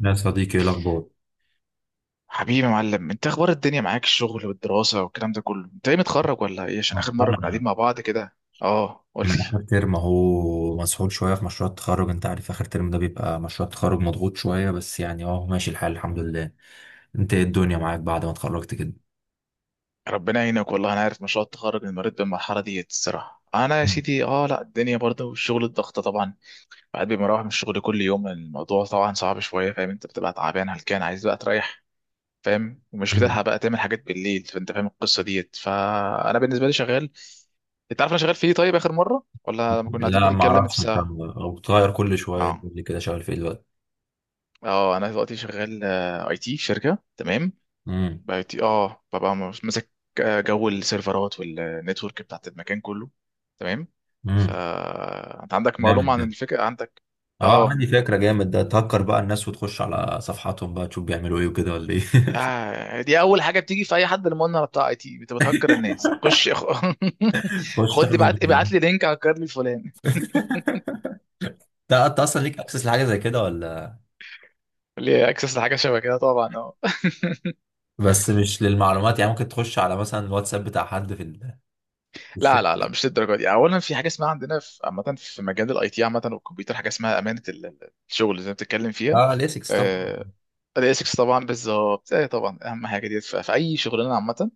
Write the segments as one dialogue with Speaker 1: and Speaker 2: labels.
Speaker 1: يا صديقي ايه الاخبار؟
Speaker 2: حبيبي يا معلم، انت اخبار الدنيا معاك، الشغل والدراسة والكلام ده كله. انت ايه، متخرج ولا ايه؟ عشان اخر
Speaker 1: والله
Speaker 2: مرة كنا قاعدين
Speaker 1: انا،
Speaker 2: مع بعض كده. اه
Speaker 1: انا
Speaker 2: قلت لي.
Speaker 1: اخر ترم اهو، مسحول شويه في مشروع التخرج. انت عارف اخر ترم ده بيبقى مشروع التخرج مضغوط شويه، بس يعني اهو ماشي الحال الحمد لله. انت ايه الدنيا معاك بعد ما اتخرجت كده؟
Speaker 2: ربنا يعينك، والله انا عارف مشروع التخرج من مريت بالمرحلة ديت. الصراحة انا يا
Speaker 1: مم.
Speaker 2: سيدي لا، الدنيا برضه والشغل الضغطة طبعا. بعد ما بروح من الشغل كل يوم الموضوع طبعا صعب شوية. فاهم، انت بتبقى تعبان هلكان عايز بقى تريح. فاهم، ومش
Speaker 1: مم.
Speaker 2: بتلحق بقى تعمل حاجات بالليل. فانت فاهم القصة ديت. فانا بالنسبة لي شغال. انت عارف انا شغال في ايه؟ طيب اخر مرة ولا لما كنا قاعدين
Speaker 1: لا ما
Speaker 2: بنتكلم في
Speaker 1: اعرفش، انت
Speaker 2: ساعة.
Speaker 1: بتغير كل شويه،
Speaker 2: اه.
Speaker 1: تقول لي كده شغال في ايه دلوقتي؟
Speaker 2: اه انا دلوقتي شغال اي تي في شركه. تمام.
Speaker 1: امم
Speaker 2: بقى IT، اه ببقى ماسك جو السيرفرات والنتورك بتاعت المكان كله. تمام.
Speaker 1: امم
Speaker 2: فانت عندك
Speaker 1: جامد
Speaker 2: معلومه عن
Speaker 1: ده.
Speaker 2: الفكره عندك؟
Speaker 1: اه
Speaker 2: اه.
Speaker 1: عندي فكره، جامد ده، تهكر بقى الناس وتخش على صفحاتهم بقى تشوف بيعملوا ايه وكده ولا ايه؟
Speaker 2: دي اول حاجه بتيجي في اي حد، المؤمن بتاع اي تي انت بتهكر الناس، خش
Speaker 1: تخش
Speaker 2: خد
Speaker 1: تاخد
Speaker 2: لي، بعت
Speaker 1: المعلومات.
Speaker 2: ابعت لي لينك، هكر لي فلان.
Speaker 1: انت، أنت اصلا ليك اكسس لحاجه زي كده ولا؟
Speaker 2: ليه، اكسس لحاجه شبه كده طبعا اه.
Speaker 1: بس مش للمعلومات يعني، ممكن تخش على مثلا الواتساب بتاع حد في في
Speaker 2: لا لا
Speaker 1: الشركة.
Speaker 2: لا مش للدرجه دي. اولا في حاجه اسمها عندنا في عامه، في مجال الاي تي عامه والكمبيوتر، حاجه اسمها امانه الشغل اللي انت بتتكلم فيها.
Speaker 1: اه ليسكس طبعا.
Speaker 2: آه، الاسكس طبعا، بالظبط، ايه طبعا اهم حاجه دي في اي شغلانه عامه.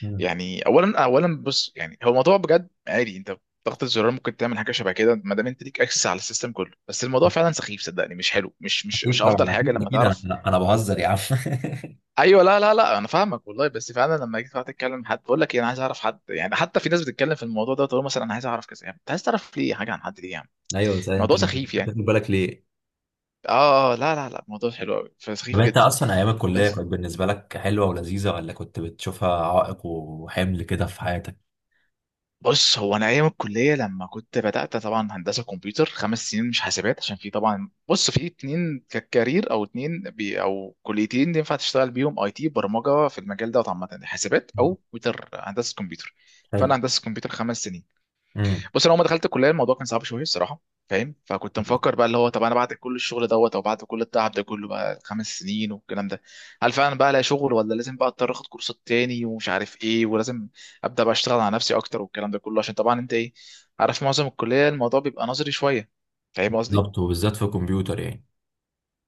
Speaker 1: مم.
Speaker 2: يعني اولا بص، يعني هو الموضوع بجد عادي. انت ضغط الزرار ممكن تعمل حاجه شبه كده، ما دام انت ليك اكسس على السيستم كله. بس الموضوع فعلا سخيف، صدقني مش حلو، مش
Speaker 1: اكيد
Speaker 2: افضل
Speaker 1: طبعا،
Speaker 2: حاجه
Speaker 1: اكيد
Speaker 2: لما
Speaker 1: اكيد،
Speaker 2: تعرف.
Speaker 1: انا بهزر يا عم.
Speaker 2: ايوه، لا انا فاهمك والله. بس فعلا لما جيت قعدت اتكلم مع حد بقول لك انا عايز اعرف حد، يعني حتى في ناس بتتكلم في الموضوع ده، تقول مثلا انا عايز اعرف كذا. يعني انت عايز تعرف ليه حاجه عن حد، ليه يعني؟
Speaker 1: ايوه بس انت
Speaker 2: الموضوع
Speaker 1: مش
Speaker 2: سخيف
Speaker 1: واخد
Speaker 2: يعني.
Speaker 1: بالك ليه؟
Speaker 2: لا الموضوع حلو قوي،
Speaker 1: طب
Speaker 2: فسخيف
Speaker 1: انت
Speaker 2: جدا.
Speaker 1: اصلا ايام الكليه
Speaker 2: بس
Speaker 1: كانت بالنسبه لك حلوه ولذيذه، ولا كنت بتشوفها عائق وحمل كده في حياتك؟
Speaker 2: بص، هو انا ايام الكليه لما كنت بدات طبعا هندسه كمبيوتر خمس سنين، مش حاسبات، عشان في طبعا، بص في اتنين كارير او اتنين بي او كليتين ينفع تشتغل بيهم اي تي برمجه في المجال ده عامه: حاسبات او
Speaker 1: مم.
Speaker 2: كمبيوتر، هندسه كمبيوتر.
Speaker 1: حلو.
Speaker 2: فانا هندسه كمبيوتر خمس سنين.
Speaker 1: امم
Speaker 2: بص انا اول ما دخلت الكليه الموضوع كان صعب شويه الصراحه. فاهم؟ فكنت مفكر بقى، اللي هو طب انا بعد كل الشغل دوت، او بعد كل التعب ده كله بقى خمس سنين والكلام ده، هل فعلا بقى الاقي شغل، ولا لازم بقى اضطر اخد كورسات تاني ومش عارف ايه، ولازم ابدا بقى اشتغل على نفسي اكتر والكلام ده كله؟ عشان طبعا انت ايه، عارف معظم الكليه الموضوع بيبقى نظري شويه. فاهم قصدي؟
Speaker 1: بالظبط، وبالذات في الكمبيوتر يعني.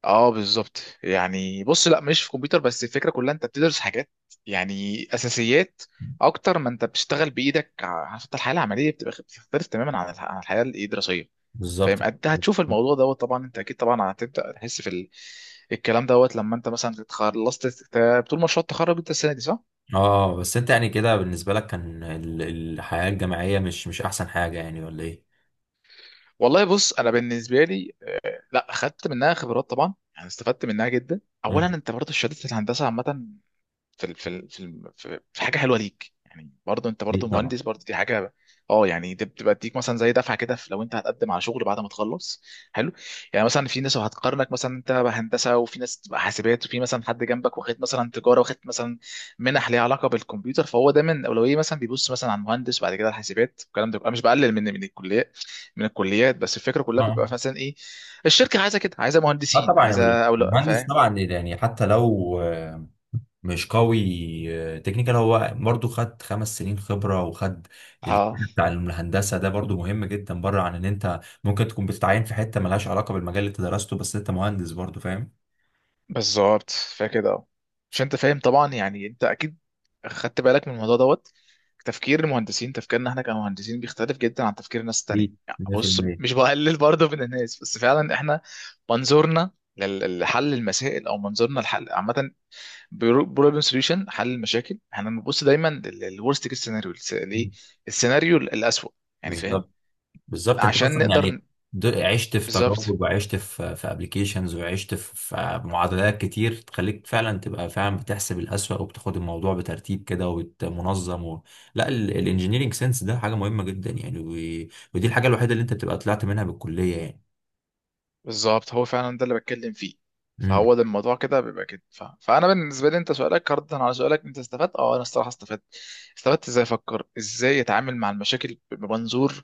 Speaker 2: اه بالظبط. يعني بص، لا مش في كمبيوتر بس، الفكره كلها انت بتدرس حاجات يعني اساسيات اكتر ما انت بتشتغل بايدك. عارف، انت الحياه العمليه بتبقى بتختلف تماما عن عن الحياه الايه الدراسيه. فاهم،
Speaker 1: بالظبط.
Speaker 2: انت هتشوف الموضوع دوت طبعا، انت اكيد طبعا هتبدا تحس في ال... الكلام دوت لما انت مثلا خلصت طول مشروع التخرج انت السنه دي، صح؟
Speaker 1: اه بس انت يعني كده بالنسبه لك كان الحياه الجامعيه مش احسن حاجه يعني، ولا ايه؟
Speaker 2: والله بص انا بالنسبه لي لا خدت منها خبرات طبعا يعني، استفدت منها جدا. اولا
Speaker 1: مم.
Speaker 2: انت برضه شهاده الهندسه عامه، في في حاجه حلوه ليك يعني، برضه انت برضه
Speaker 1: اكيد طبعا.
Speaker 2: مهندس، برضه دي حاجه. اه يعني دي بتبقى تديك مثلا زي دفعه كده لو انت هتقدم على شغل بعد ما تخلص. حلو، يعني مثلا في ناس هتقارنك، مثلا انت بقى هندسه، وفي ناس بقى حاسبات، وفي مثلا حد جنبك واخد مثلا تجاره، واخد مثلا منح ليها علاقه بالكمبيوتر. فهو دايما اولويه مثلا بيبص مثلا على المهندس وبعد كده الحاسبات والكلام ده. بيبقى مش بقلل من الكليات بس الفكره كلها
Speaker 1: اه
Speaker 2: بيبقى مثلا ايه، الشركه عايزه كده، عايزه
Speaker 1: اه
Speaker 2: مهندسين
Speaker 1: طبعا
Speaker 2: عايزه او لا.
Speaker 1: المهندس
Speaker 2: فاهم؟
Speaker 1: طبعا يعني، حتى لو مش قوي تكنيكال، هو برضو خد خمس سنين خبرة، وخد
Speaker 2: اه
Speaker 1: بتاع الهندسة ده، برضو مهم جدا، بره عن ان انت ممكن تكون بتتعين في حتة ملهاش علاقة بالمجال اللي انت درسته، بس انت مهندس برضو، فاهم؟
Speaker 2: بالظبط فكده اهو. مش انت فاهم طبعا، يعني انت اكيد خدت بالك من الموضوع دوت. تفكير المهندسين، تفكيرنا احنا كمهندسين بيختلف جدا عن تفكير الناس التانية.
Speaker 1: أكيد
Speaker 2: يعني بص،
Speaker 1: 100%.
Speaker 2: مش بقلل برضه من الناس، بس فعلا احنا منظورنا لحل المسائل، او منظورنا لحل عامه، بروبلم سوليوشن، حل المشاكل. احنا بنبص دايما للورست كيس سيناريو، الايه، السيناريو الاسوأ. يعني فاهم،
Speaker 1: بالظبط. بالظبط، انت
Speaker 2: عشان
Speaker 1: اصلا يعني،
Speaker 2: نقدر.
Speaker 1: عشت في
Speaker 2: بالظبط،
Speaker 1: تجارب، وعشت في، في ابلكيشنز، وعشت في، في معادلات كتير تخليك فعلا تبقى فعلا بتحسب الأسوأ، وبتاخد الموضوع بترتيب كده ومنظم لا الانجينيرنج سنس ده حاجة مهمة جدا يعني، ودي الحاجة الوحيدة اللي انت بتبقى طلعت منها بالكلية يعني.
Speaker 2: بالظبط هو فعلا ده اللي بتكلم فيه.
Speaker 1: امم
Speaker 2: فهو ده الموضوع كده بيبقى كده ف... فانا بالنسبه لي، انت سؤالك، ردا على سؤالك، انت استفدت؟ اه انا الصراحه استفدت. استفدت ازاي افكر، ازاي اتعامل مع المشاكل بمنظور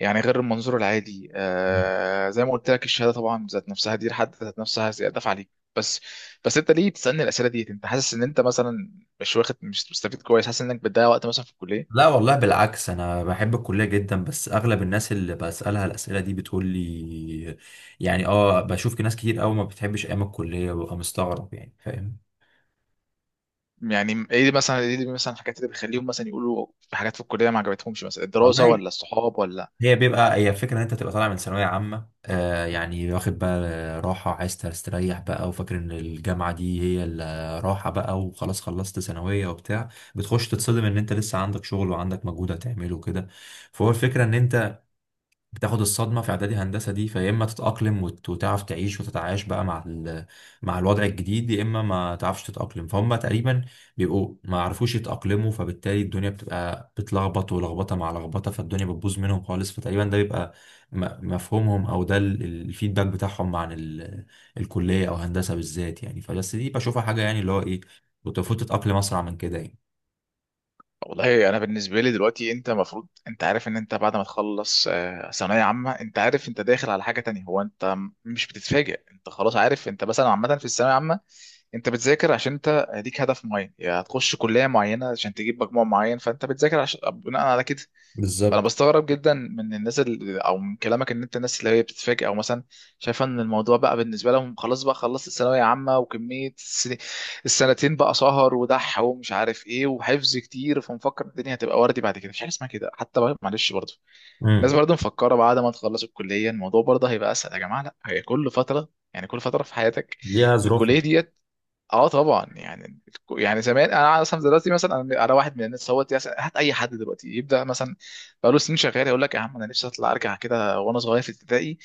Speaker 2: يعني غير المنظور العادي.
Speaker 1: مم.
Speaker 2: آه زي ما قلت لك، الشهاده طبعا ذات نفسها، دي لحد ذات نفسها زياده عليك. بس بس انت ليه بتسالني الاسئله ديت؟ انت حاسس ان انت مثلا مش مستفيد كويس، حاسس انك بتضيع وقت مثلا في الكليه؟
Speaker 1: لا والله بالعكس، انا بحب الكليه جدا، بس اغلب الناس اللي بسالها الاسئله دي بتقول لي، يعني اه، بشوف ناس كتير قوي ما بتحبش ايام الكليه، وببقى مستغرب يعني، فاهم؟
Speaker 2: يعني ايه مثلا، ايه مثلا الحاجات اللي بتخليهم مثلا يقولوا في حاجات في الكليه ما عجبتهمش، مثلا الدراسه
Speaker 1: والله،
Speaker 2: ولا الصحاب ولا؟
Speaker 1: هي الفكرة ان انت تبقى طالع من ثانوية عامة، آه يعني، واخد بقى راحة، عايز تستريح بقى، وفاكر ان الجامعة دي هي الراحة بقى، وخلاص خلصت ثانوية وبتاع، بتخش تتصدم ان انت لسه عندك شغل وعندك مجهود هتعمله وكده. فهو الفكرة ان انت بتاخد الصدمة في إعدادي هندسة دي، فيا إما تتأقلم وتعرف تعيش وتتعايش بقى مع مع الوضع الجديد، يا إما ما تعرفش تتأقلم. فهم تقريبا بيبقوا ما عرفوش يتأقلموا، فبالتالي الدنيا بتبقى بتلخبط، ولخبطة مع لخبطة فالدنيا بتبوظ منهم خالص. فتقريبا ده بيبقى مفهومهم، أو ده الفيدباك بتاعهم عن الكلية أو هندسة بالذات يعني. فبس دي بشوفها حاجة يعني، اللي هو إيه، كنت المفروض تتأقلم أسرع من كده يعني.
Speaker 2: والله انا بالنسبه لي دلوقتي، انت المفروض انت عارف ان انت بعد ما تخلص ثانويه عامه، انت عارف انت داخل على حاجه تانية. هو انت مش بتتفاجئ، انت خلاص عارف. انت مثلا عامه في الثانويه العامه انت بتذاكر عشان انت ليك هدف معين، يا هتخش كليه معينه عشان تجيب مجموع معين، فانت بتذاكر عشان بناء على كده. انا
Speaker 1: بالظبط.
Speaker 2: بستغرب جدا من الناس اللي، او من كلامك، ان انت الناس اللي هي بتتفاجئ، او مثلا شايفه ان الموضوع بقى بالنسبه لهم خلاص، بقى خلصت الثانويه عامه وكميه السنتين بقى سهر ودح ومش عارف ايه وحفظ كتير، فمفكر الدنيا هتبقى وردي بعد كده. مش حاجه اسمها كده. حتى بقى معلش برضه
Speaker 1: امم
Speaker 2: الناس برضه مفكره بعد ما تخلص الكليه الموضوع برضه هيبقى اسهل. يا جماعه لا، هي كل فتره يعني، كل فتره في حياتك.
Speaker 1: ليها ظروفها.
Speaker 2: الكليه ديت، اه طبعا يعني. يعني زمان، انا اصلا دلوقتي مثلا انا واحد من الناس. هو هات اي حد دلوقتي يبدا مثلا بقاله سنين شغال يقول لك يا عم انا نفسي اطلع ارجع كده وانا صغير في ابتدائي،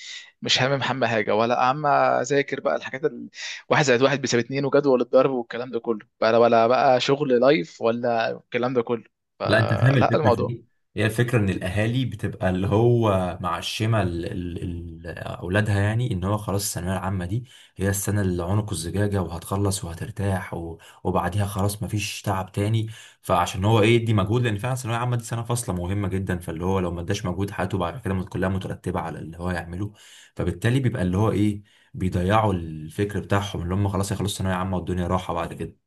Speaker 2: مش هامم هم حاجه ولا هم اذاكر بقى الحاجات واحد زائد واحد بيساوي اتنين وجدول الضرب والكلام ده كله، بقى ولا بقى شغل لايف ولا الكلام ده كله.
Speaker 1: لا انت فاهم
Speaker 2: فلا
Speaker 1: الفكره في
Speaker 2: الموضوع
Speaker 1: دي، هي الفكره ان الاهالي بتبقى اللي هو معشمه اولادها يعني، ان هو خلاص الثانويه العامه دي هي السنه اللي عنق الزجاجه، وهتخلص وهترتاح وبعديها خلاص مفيش تعب تاني. فعشان هو ايه يدي مجهود، لان فعلا الثانويه العامه دي سنه فاصله مهمه جدا، فاللي هو لو ما اداش مجهود حياته بعد كده كلها مترتبه على اللي هو يعمله. فبالتالي بيبقى اللي هو ايه، بيضيعوا الفكر بتاعهم، اللي هم خلاص هيخلصوا ثانويه عامه والدنيا راحه بعد كده.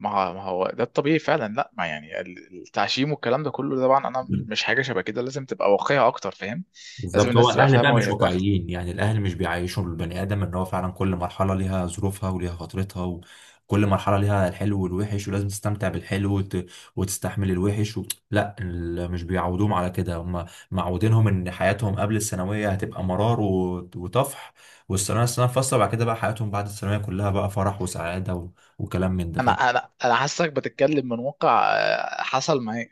Speaker 2: ما هو ده الطبيعي فعلا. لا ما يعني التعشيم والكلام ده كله طبعا، انا مش حاجه شبه كده، لازم تبقى واقعيه اكتر. فاهم، لازم
Speaker 1: بالظبط، هو
Speaker 2: الناس تبقى
Speaker 1: الاهل بقى
Speaker 2: فاهمه
Speaker 1: مش
Speaker 2: وهي داخله.
Speaker 1: واقعيين يعني، الاهل مش بيعيشوا البني ادم ان هو فعلا كل مرحله ليها ظروفها وليها فترتها، وكل مرحله ليها الحلو والوحش، ولازم تستمتع بالحلو وتستحمل الوحش لا مش بيعودوهم على كده، هم معودينهم ان حياتهم قبل الثانويه هتبقى مرار وطفح، والثانويه، الثانويه فاصله، بعد كده بقى حياتهم بعد الثانويه كلها بقى فرح وسعاده وكلام من ده،
Speaker 2: انا
Speaker 1: فاهم؟
Speaker 2: انا انا حاسسك بتتكلم من واقع حصل معايا.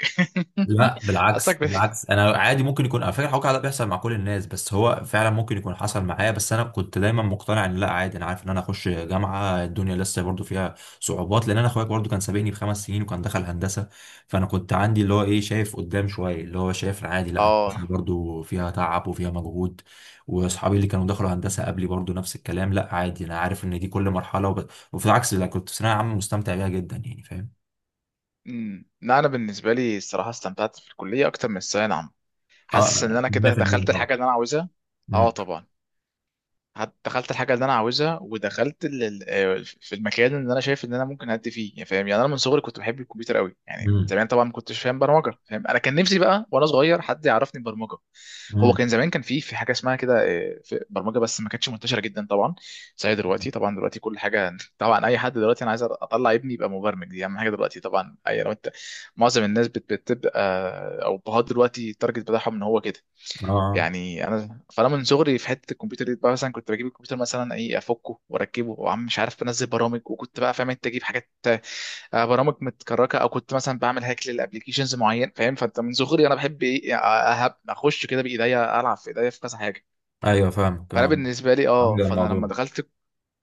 Speaker 1: لا
Speaker 2: حاسسك
Speaker 1: بالعكس
Speaker 2: بت...
Speaker 1: بالعكس، انا عادي، ممكن يكون على فكره الحكي ده بيحصل مع كل الناس، بس هو فعلا ممكن يكون حصل معايا، بس انا كنت دايما مقتنع ان لا عادي، انا عارف ان انا اخش جامعه الدنيا لسه برضو فيها صعوبات، لان انا اخويا برضو كان سابقني بخمس سنين وكان دخل هندسه. فانا كنت عندي اللي هو ايه، شايف قدام شويه، اللي هو شايف عادي لا
Speaker 2: اه.
Speaker 1: هندسة برضو فيها تعب وفيها مجهود. واصحابي اللي كانوا دخلوا هندسه قبلي برضو نفس الكلام، لا عادي، انا عارف ان دي كل مرحله وفي العكس لا، كنت في ثانويه عامه مستمتع بيها جدا يعني، فاهم؟
Speaker 2: امم، لا انا بالنسبه لي الصراحه استمتعت في الكليه اكتر من الثانويه العامه. حاسس ان
Speaker 1: اه
Speaker 2: انا كده
Speaker 1: 100%
Speaker 2: دخلت
Speaker 1: طبعا.
Speaker 2: الحاجه اللي انا عاوزها. اه
Speaker 1: امم
Speaker 2: طبعا. دخلت الحاجه اللي انا عاوزها، ودخلت في المكان اللي انا شايف ان انا ممكن ادي فيه. يعني فاهم، يعني انا من صغري كنت بحب الكمبيوتر قوي يعني من
Speaker 1: امم.
Speaker 2: زمان. طبعا ما كنتش فاهم برمجه، فاهم؟ انا كان نفسي بقى وانا صغير حد يعرفني برمجه. هو
Speaker 1: مم.
Speaker 2: كان زمان، كان في حاجه اسمها كده في برمجه، بس ما كانتش منتشره جدا طبعا زي دلوقتي. طبعا دلوقتي كل حاجه طبعا. اي حد دلوقتي انا عايز اطلع ابني يبقى مبرمج، دي اهم حاجه دلوقتي طبعا. اي لو انت، معظم الناس بتبقى او بهاد دلوقتي التارجت بتاعهم ان هو كده.
Speaker 1: اه
Speaker 2: يعني انا من صغري في حته الكمبيوتر دي بقى، مثلا كنت بجيب الكمبيوتر مثلا ايه، افكه واركبه وعم مش عارف، بنزل برامج، وكنت بقى فاهم انت، اجيب حاجات برامج متكركه، او كنت مثلا بعمل هاك للابلكيشنز معين. فاهم؟ فانت من صغري انا بحب ايه اخش كده بايديا، العب في ايديا في كذا حاجه.
Speaker 1: ايوه فاهمك
Speaker 2: فانا
Speaker 1: اه.
Speaker 2: بالنسبه لي، اه
Speaker 1: عامل
Speaker 2: فانا لما
Speaker 1: الموضوع.
Speaker 2: دخلت،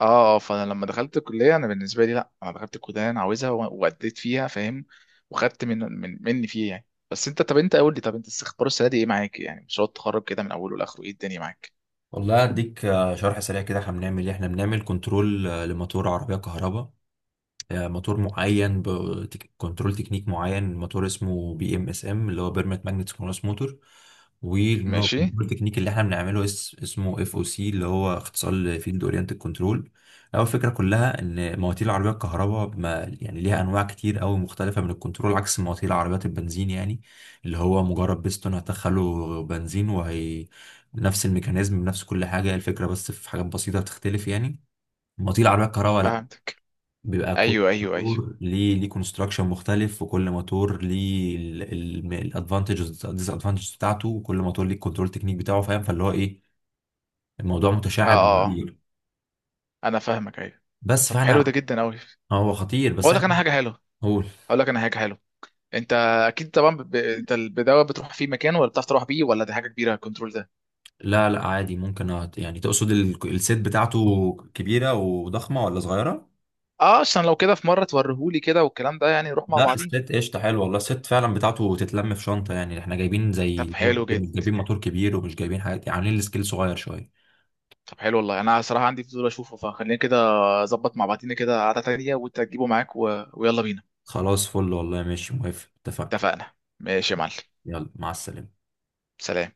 Speaker 2: اه فانا لما دخلت الكليه انا بالنسبه لي، لا انا دخلت الكليه اللي انا عاوزها واديت فيها، فاهم؟ وخدت من مني فيه يعني. بس انت، طب انت قول لي، طب انت استخبار السنه دي ايه معاك يعني؟ مشروع التخرج كده من اوله لاخره ايه الدنيا معاك؟
Speaker 1: والله اديك شرح سريع كده، احنا بنعمل ايه. احنا بنعمل كنترول لموتور عربيه كهرباء، موتور معين بكنترول تكنيك معين، موتور اسمه بي ام اس ام اللي هو بيرمت ماجنت سينكرونس موتور،
Speaker 2: ماشي.
Speaker 1: والكنترول تكنيك اللي احنا بنعمله اسمه اف او سي اللي هو اختصار لفيلد اورينتد كنترول. اول فكره كلها ان مواتير العربيه الكهرباء ما يعني ليها انواع كتير قوي مختلفه من الكنترول، عكس مواتير العربيات البنزين يعني، اللي هو مجرد بيستون هتدخله بنزين، وهي نفس الميكانيزم بنفس كل حاجه الفكره، بس في حاجات بسيطه بتختلف يعني. مواتير العربيه الكهرباء
Speaker 2: فهمتك.
Speaker 1: بيبقى كل
Speaker 2: ايوه.
Speaker 1: موتور ليه كونستراكشن مختلف، وكل موتور ليه الادفانتجز ديس ادفانتجز بتاعته، وكل موتور ليه الكنترول تكنيك بتاعه، فاهم؟ فاللي هو ايه، الموضوع
Speaker 2: اه
Speaker 1: متشعب
Speaker 2: اه آه.
Speaker 1: كتير.
Speaker 2: انا فاهمك، ايوه.
Speaker 1: بس
Speaker 2: طب حلو ده
Speaker 1: فاحنا،
Speaker 2: جدا قوي.
Speaker 1: هو خطير بس
Speaker 2: اقول لك
Speaker 1: احنا
Speaker 2: انا حاجه حلوه.
Speaker 1: هقول.
Speaker 2: اقول لك انا حاجه حلوه. انت اكيد طبعا انت البدايه بتروح في مكان، ولا بتعرف تروح بيه، ولا دي حاجه كبيره الكنترول ده؟
Speaker 1: لا لا عادي، ممكن يعني تقصد السيت بتاعته كبيرة وضخمة ولا صغيرة؟
Speaker 2: اه عشان لو كده في مره توريهولي كده والكلام ده، يعني نروح مع
Speaker 1: لا
Speaker 2: بعضين.
Speaker 1: السيت قشطة، حلو والله، السيت فعلا بتاعته تتلم في شنطة يعني. احنا جايبين
Speaker 2: طب
Speaker 1: زي،
Speaker 2: حلو
Speaker 1: مش
Speaker 2: جدا.
Speaker 1: جايبين موتور كبير، ومش جايبين حاجات، عاملين السكيل صغير شوية.
Speaker 2: طب حلو والله، انا صراحه عندي فضول اشوفه، فخلينا كده اظبط مع بعضينا كده قعده تانية وانت تجيبه معاك و... ويلا بينا.
Speaker 1: خلاص فل والله، ماشي موافق، اتفقنا.
Speaker 2: اتفقنا. ماشي يا معلم.
Speaker 1: يلا مع السلامة.
Speaker 2: سلام.